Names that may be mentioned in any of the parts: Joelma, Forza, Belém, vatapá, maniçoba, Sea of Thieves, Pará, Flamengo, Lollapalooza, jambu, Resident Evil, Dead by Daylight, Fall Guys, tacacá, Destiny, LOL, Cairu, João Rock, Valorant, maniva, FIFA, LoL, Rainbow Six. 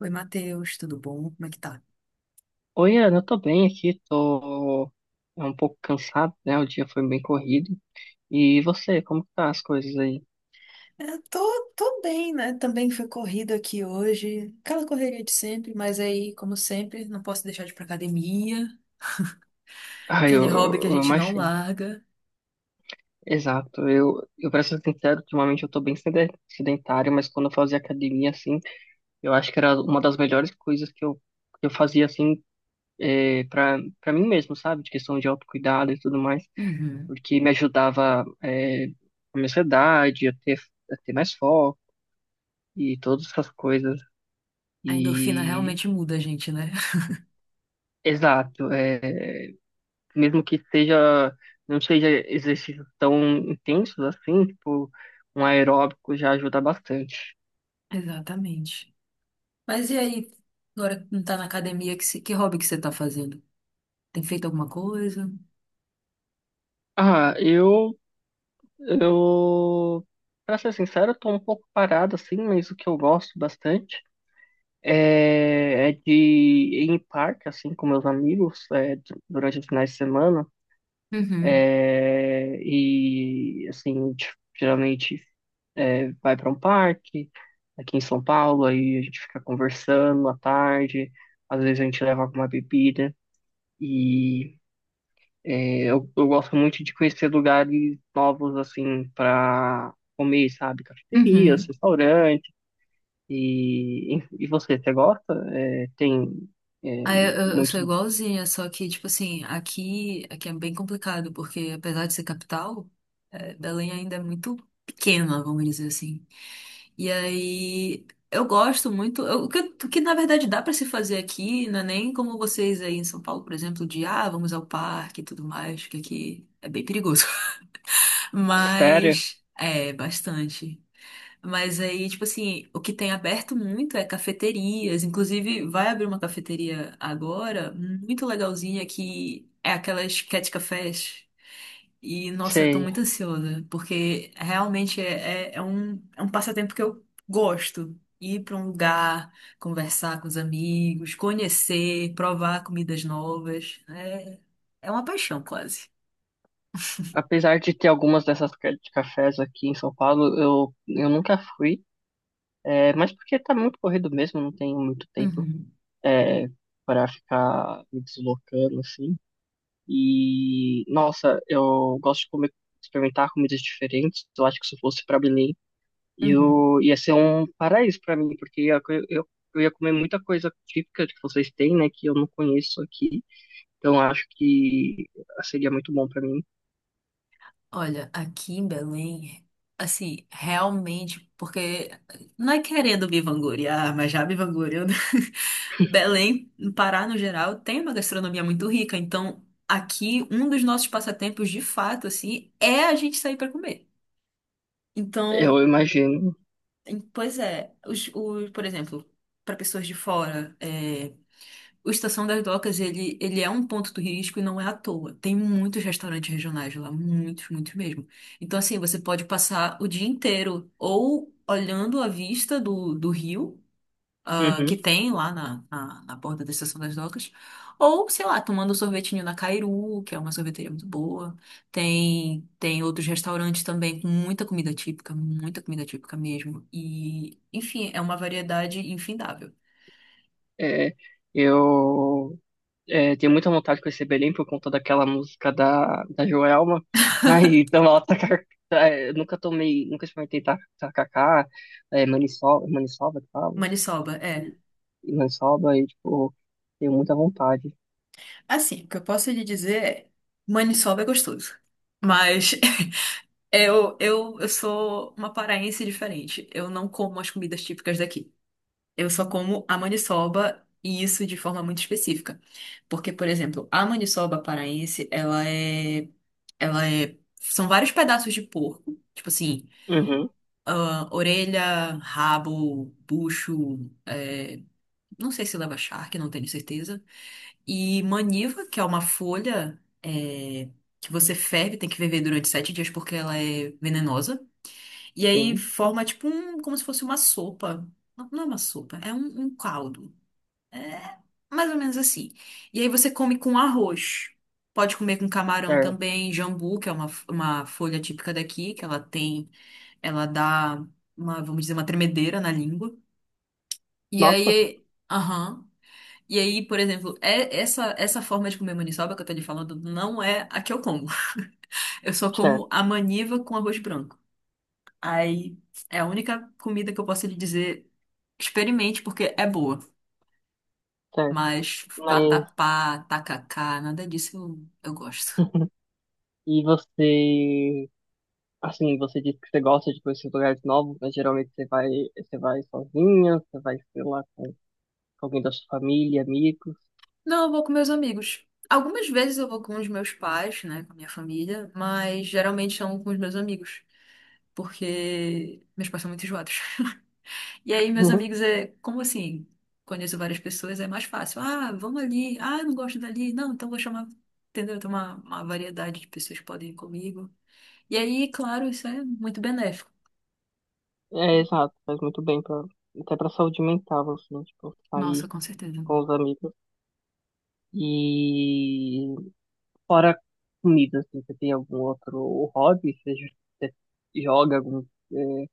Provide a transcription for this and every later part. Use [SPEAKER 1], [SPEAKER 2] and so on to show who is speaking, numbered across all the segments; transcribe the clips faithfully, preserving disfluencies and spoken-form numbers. [SPEAKER 1] Oi, Matheus, tudo bom? Como é que tá?
[SPEAKER 2] Oi, Ana, eu tô bem aqui, tô é um pouco cansado, né? O dia foi bem corrido. E você, como que tá as coisas aí?
[SPEAKER 1] É, tô, tô bem, né? Também foi corrido aqui hoje. Aquela correria de sempre, mas aí, como sempre, não posso deixar de ir pra academia.
[SPEAKER 2] Ah,
[SPEAKER 1] Aquele
[SPEAKER 2] eu,
[SPEAKER 1] hobby que a
[SPEAKER 2] eu
[SPEAKER 1] gente não
[SPEAKER 2] imagino.
[SPEAKER 1] larga.
[SPEAKER 2] Exato. Eu, eu pra ser sincero, ultimamente eu tô bem sede- sedentário, mas quando eu fazia academia, assim, eu acho que era uma das melhores coisas que eu, que eu fazia, assim, é, pra, pra mim mesmo, sabe? De questão de autocuidado e tudo mais,
[SPEAKER 1] Uhum.
[SPEAKER 2] porque me ajudava, é, a minha ansiedade, a ter, a ter mais foco e todas essas coisas.
[SPEAKER 1] A endorfina
[SPEAKER 2] E.
[SPEAKER 1] realmente muda a gente, né?
[SPEAKER 2] Exato, é, mesmo que seja, não seja exercícios tão intensos assim, tipo, um aeróbico já ajuda bastante.
[SPEAKER 1] Exatamente. Mas e aí, agora que não tá na academia, que, se- que hobby que você tá fazendo? Tem feito alguma coisa?
[SPEAKER 2] Ah, eu, eu, pra ser sincero, eu tô um pouco parado assim, mas o que eu gosto bastante é, é de ir em parque, assim, com meus amigos, é, du- durante os finais de semana,
[SPEAKER 1] Uhum.
[SPEAKER 2] é, e, assim, t- geralmente é, vai para um parque aqui em São Paulo, aí a gente fica conversando à tarde, às vezes a gente leva alguma bebida e é, eu, eu gosto muito de conhecer lugares novos assim para comer, sabe? Cafeterias,
[SPEAKER 1] Uhum.
[SPEAKER 2] restaurantes. E, e e você, você gosta? É, tem, é,
[SPEAKER 1] Ah, eu, eu eu
[SPEAKER 2] muito
[SPEAKER 1] sou igualzinha, só que, tipo assim, aqui, aqui é bem complicado, porque apesar de ser capital, eh, Belém ainda é muito pequena, vamos dizer assim. E aí, eu gosto muito, eu- o que, o que na verdade dá pra se fazer aqui, não é nem como vocês aí em São Paulo, por exemplo, de, ah, vamos ao parque e tudo mais, que aqui é bem perigoso.
[SPEAKER 2] sério?
[SPEAKER 1] Mas, é, bastante. Mas aí, tipo assim, o que tem aberto muito é cafeterias. Inclusive, vai abrir uma cafeteria agora, muito legalzinha, que é aquelas cat cafés. E, nossa, eu tô
[SPEAKER 2] Sei.
[SPEAKER 1] muito ansiosa, porque realmente é, é, é um, é um passatempo que eu gosto. Ir pra um lugar, conversar com os amigos, conhecer, provar comidas novas. É, é uma paixão, quase.
[SPEAKER 2] Apesar de ter algumas dessas ca- de cafés aqui em São Paulo, eu, eu nunca fui. É, mas porque tá muito corrido mesmo, não tenho muito tempo
[SPEAKER 1] Uhum,
[SPEAKER 2] é, para ficar me deslocando assim. E, nossa, eu gosto de comer, experimentar comidas diferentes. Eu acho que se eu fosse para Belém,
[SPEAKER 1] uhum.
[SPEAKER 2] eu ia ser um paraíso para mim, porque ia, eu, eu ia comer muita coisa típica que vocês têm, né, que eu não conheço aqui. Então, eu acho que seria muito bom para mim.
[SPEAKER 1] Olha, aqui em Belém, assim, realmente, porque não é querendo me vangloriar, mas já me vangloriando. Belém, no Pará no geral, tem uma gastronomia muito rica, então aqui um dos nossos passatempos de fato, assim, é a gente sair para comer. Então,
[SPEAKER 2] Eu imagino.
[SPEAKER 1] em- pois é, os, os- por exemplo, para pessoas de fora. É, o Estação das Docas, ele, ele é um ponto turístico e não é à toa. Tem muitos restaurantes regionais lá, muitos, muitos mesmo. Então, assim, você pode passar o dia inteiro ou olhando a vista do, do rio, ah, que
[SPEAKER 2] Uhum.
[SPEAKER 1] tem lá na, na, na borda da Estação das Docas, ou, sei lá, tomando um sorvetinho na Cairu, que é uma sorveteria muito boa. Tem, tem outros restaurantes também com muita comida típica, muita comida típica mesmo. E, enfim, é uma variedade infindável.
[SPEAKER 2] É, eu. É, tenho muita vontade de conhecer Belém por conta daquela música da, da Joelma. Ai, então ela tacar, é, nunca tomei, nunca experimentei ta- tacacá, é, maniçoba, maniçoba que fala,
[SPEAKER 1] Maniçoba, é.
[SPEAKER 2] e maniçoba, e tipo, tenho muita vontade.
[SPEAKER 1] Assim, o que eu posso lhe dizer é, maniçoba é gostoso. Mas eu, eu, eu sou uma paraense diferente. Eu não como as comidas típicas daqui. Eu só como a maniçoba e isso de forma muito específica. Porque, por exemplo, a maniçoba paraense, ela é, ela é, são vários pedaços de porco, tipo assim,
[SPEAKER 2] Uhum,
[SPEAKER 1] ah, orelha, rabo, bucho, é, não sei se leva charque, não tenho certeza. E maniva, que é uma folha é, que você ferve, tem que ferver durante sete dias porque ela é venenosa. E aí
[SPEAKER 2] sim,
[SPEAKER 1] forma tipo um, como se fosse uma sopa. Não, não é uma sopa, é um, um caldo. É mais ou menos assim. E aí você come com arroz. Pode comer com camarão
[SPEAKER 2] certo.
[SPEAKER 1] também, jambu, que é uma, uma folha típica daqui, que ela tem, ela dá uma, vamos dizer, uma tremedeira na língua. E
[SPEAKER 2] Nossa,
[SPEAKER 1] aí, aham. E aí, por exemplo, é essa essa forma de comer maniçoba que eu tô lhe falando não é a que eu como. Eu só
[SPEAKER 2] certo,
[SPEAKER 1] como a maniva com arroz branco. Aí é a única comida que eu posso lhe dizer, experimente porque é boa.
[SPEAKER 2] certo.
[SPEAKER 1] Mas
[SPEAKER 2] Mas,
[SPEAKER 1] vatapá, tacacá, nada disso eu, eu gosto.
[SPEAKER 2] e você, assim, você disse que você gosta de conhecer lugares novos, mas geralmente você vai, você vai sozinha, você vai, sei lá, com, com alguém da sua família, amigos.
[SPEAKER 1] Não, eu vou com meus amigos. Algumas vezes eu vou com os meus pais, né, com a minha família, mas geralmente são com os meus amigos, porque meus pais são muito enjoados. E aí, meus amigos, é como assim? Conheço várias pessoas, é mais fácil. Ah, vamos ali. Ah, eu não gosto dali. Não, então vou chamar. Entendeu? Tem uma, uma variedade de pessoas que podem ir comigo. E aí, claro, isso é muito benéfico.
[SPEAKER 2] É, exato, faz muito bem pra, até pra saúde mental, assim, tipo,
[SPEAKER 1] Nossa,
[SPEAKER 2] sair
[SPEAKER 1] com certeza.
[SPEAKER 2] com os amigos. E fora comida, assim, você tem algum outro hobby? Você, j- você joga algum, eh,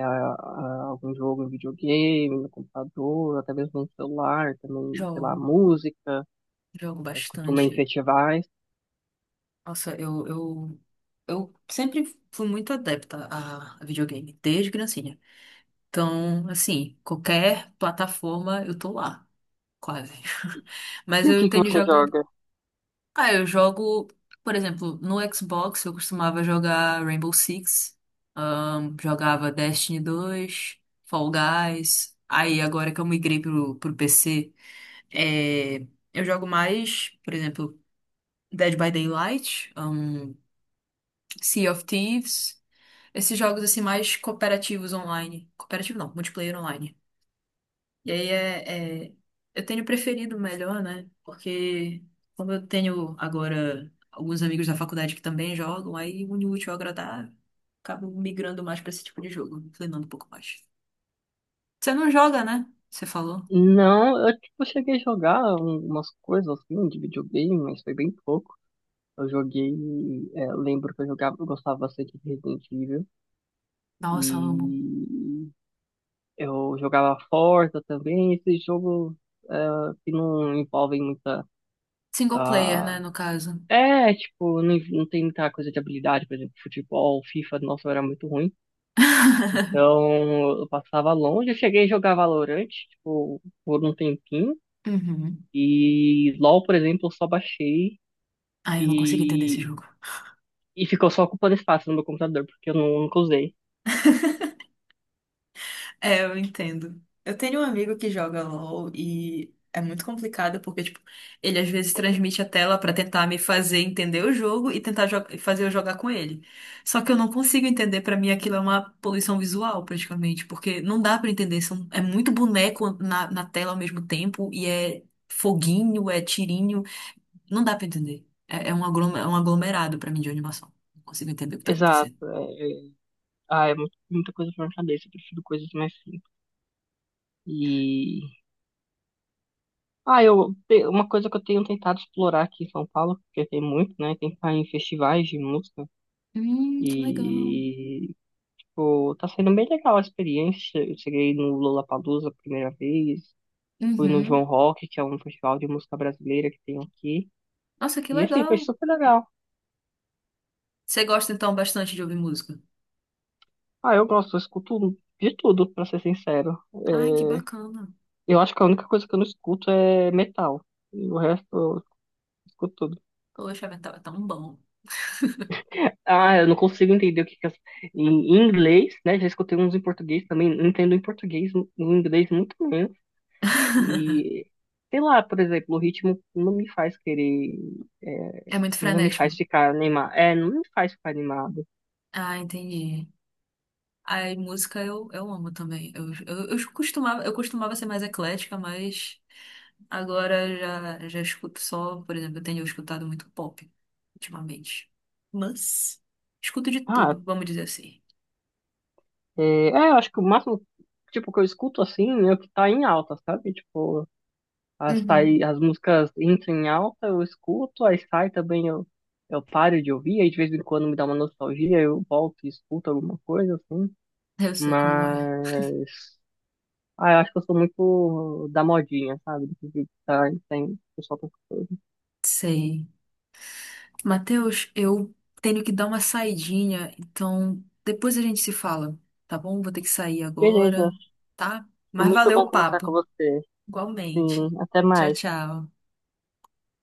[SPEAKER 2] a- a- algum jogo no videogame, no computador, até mesmo no celular, também, sei
[SPEAKER 1] Jogo,
[SPEAKER 2] lá, música,
[SPEAKER 1] jogo
[SPEAKER 2] você costuma ir em
[SPEAKER 1] bastante.
[SPEAKER 2] festivais?
[SPEAKER 1] Nossa, eu, eu, eu sempre fui muito adepta a a videogame, desde criancinha. Então, assim, qualquer plataforma eu tô lá, quase. Mas
[SPEAKER 2] E o
[SPEAKER 1] eu
[SPEAKER 2] que que
[SPEAKER 1] tenho
[SPEAKER 2] você
[SPEAKER 1] jogado.
[SPEAKER 2] joga?
[SPEAKER 1] Ah, eu jogo, por exemplo, no Xbox eu costumava jogar Rainbow Six, ahn, jogava Destiny dois, Fall Guys. Aí agora que eu migrei pro, pro P C, é, eu jogo mais, por exemplo, Dead by Daylight, ahn, Sea of Thieves, esses jogos assim mais cooperativos online. Cooperativo não, multiplayer online. E aí é, é- eu tenho preferido melhor, né? Porque como eu tenho agora alguns amigos da faculdade que também jogam, aí une o útil ao agradável, acabo migrando mais pra esse tipo de jogo, me inclinando um pouco mais. Você não joga, né? Você falou.
[SPEAKER 2] Não, eu, tipo, cheguei a jogar um- umas coisas, assim, de videogame, mas foi bem pouco. Eu joguei, é, eu lembro que eu jogava, eu gostava bastante de Resident Evil
[SPEAKER 1] Nossa, amo.
[SPEAKER 2] e eu jogava Forza também, esses jogos, é, que não envolvem muita,
[SPEAKER 1] Single player, né,
[SPEAKER 2] ah,
[SPEAKER 1] no caso.
[SPEAKER 2] é, tipo, não, não tem muita coisa de habilidade, por exemplo, futebol, FIFA, nossa, eu era muito ruim. Então, eu passava longe, eu cheguei a jogar Valorant, tipo, por um tempinho
[SPEAKER 1] Uhum.
[SPEAKER 2] e LoL, por exemplo, eu só baixei
[SPEAKER 1] Ai, eu não consigo entender esse
[SPEAKER 2] e,
[SPEAKER 1] jogo.
[SPEAKER 2] e ficou só ocupando espaço no meu computador, porque eu não- nunca usei.
[SPEAKER 1] É, eu entendo. Eu tenho um amigo que joga LOL e é muito complicado porque, tipo, ele às vezes transmite a tela pra tentar me fazer entender o jogo e tentar jo- fazer eu jogar com ele. Só que eu não consigo entender, pra mim aquilo é uma poluição visual, praticamente, porque não dá pra entender. São, é muito boneco na, na tela ao mesmo tempo e é foguinho, é tirinho. Não dá pra entender. É, é um aglom- é um aglomerado pra mim de animação. Não consigo entender o que tá
[SPEAKER 2] Exato.
[SPEAKER 1] acontecendo.
[SPEAKER 2] É, é- ah, é muito- muita coisa pra minha cabeça. Eu prefiro coisas mais simples. E. Ah, eu, te- uma coisa que eu tenho tentado explorar aqui em São Paulo, porque tem muito, né? Tentar em festivais de música.
[SPEAKER 1] Hum, que legal.
[SPEAKER 2] E, tipo, tá sendo bem legal a experiência. Eu cheguei no Lollapalooza a primeira vez. Fui no João
[SPEAKER 1] Uhum.
[SPEAKER 2] Rock, que é um festival de música brasileira que tem aqui.
[SPEAKER 1] Nossa, que
[SPEAKER 2] E, assim, foi
[SPEAKER 1] legal.
[SPEAKER 2] super legal.
[SPEAKER 1] Você gosta então bastante de ouvir música?
[SPEAKER 2] Ah, eu gosto, eu escuto de tudo, pra ser sincero.
[SPEAKER 1] Ai, que
[SPEAKER 2] É,
[SPEAKER 1] bacana.
[SPEAKER 2] eu acho que a única coisa que eu não escuto é metal. E o resto eu escuto tudo.
[SPEAKER 1] Poxa, tá tá tão bom.
[SPEAKER 2] Ah, eu não consigo entender o que que as... Em em inglês, né? Já escutei uns em português também. Não entendo em português, em inglês muito menos. E, sei lá, por exemplo, o ritmo não me faz querer...
[SPEAKER 1] É
[SPEAKER 2] é,
[SPEAKER 1] muito
[SPEAKER 2] não me
[SPEAKER 1] frenético.
[SPEAKER 2] faz ficar animado. É, não me faz ficar animado.
[SPEAKER 1] Ah, entendi. Aí, música eu, eu amo também. Eu, eu, eu costumava, eu costumava ser mais eclética, mas agora já, já escuto só, por exemplo, eu tenho escutado muito pop ultimamente. Mas escuto de
[SPEAKER 2] Ah,
[SPEAKER 1] tudo, vamos dizer assim.
[SPEAKER 2] é, é, eu acho que o máximo, tipo, que eu escuto assim é o que tá em alta, sabe? Tipo... As,
[SPEAKER 1] Uhum.
[SPEAKER 2] sai, as músicas entram em alta, eu escuto, aí sai também, eu, eu paro de ouvir, aí de vez em quando me dá uma nostalgia, eu volto e escuto alguma coisa, assim.
[SPEAKER 1] Eu sei como é.
[SPEAKER 2] Mas. Ah, eu acho que eu sou muito da modinha, sabe? Do que tá, tem, o pessoal tá escutando.
[SPEAKER 1] Sei. Matheus, eu tenho que dar uma saidinha, então depois a gente se fala, tá bom? Vou ter que sair
[SPEAKER 2] Beleza,
[SPEAKER 1] agora, tá?
[SPEAKER 2] foi
[SPEAKER 1] Mas
[SPEAKER 2] muito
[SPEAKER 1] valeu
[SPEAKER 2] bom
[SPEAKER 1] o
[SPEAKER 2] conversar com
[SPEAKER 1] papo,
[SPEAKER 2] você. Sim,
[SPEAKER 1] igualmente.
[SPEAKER 2] até
[SPEAKER 1] Tchau,
[SPEAKER 2] mais.
[SPEAKER 1] tchau.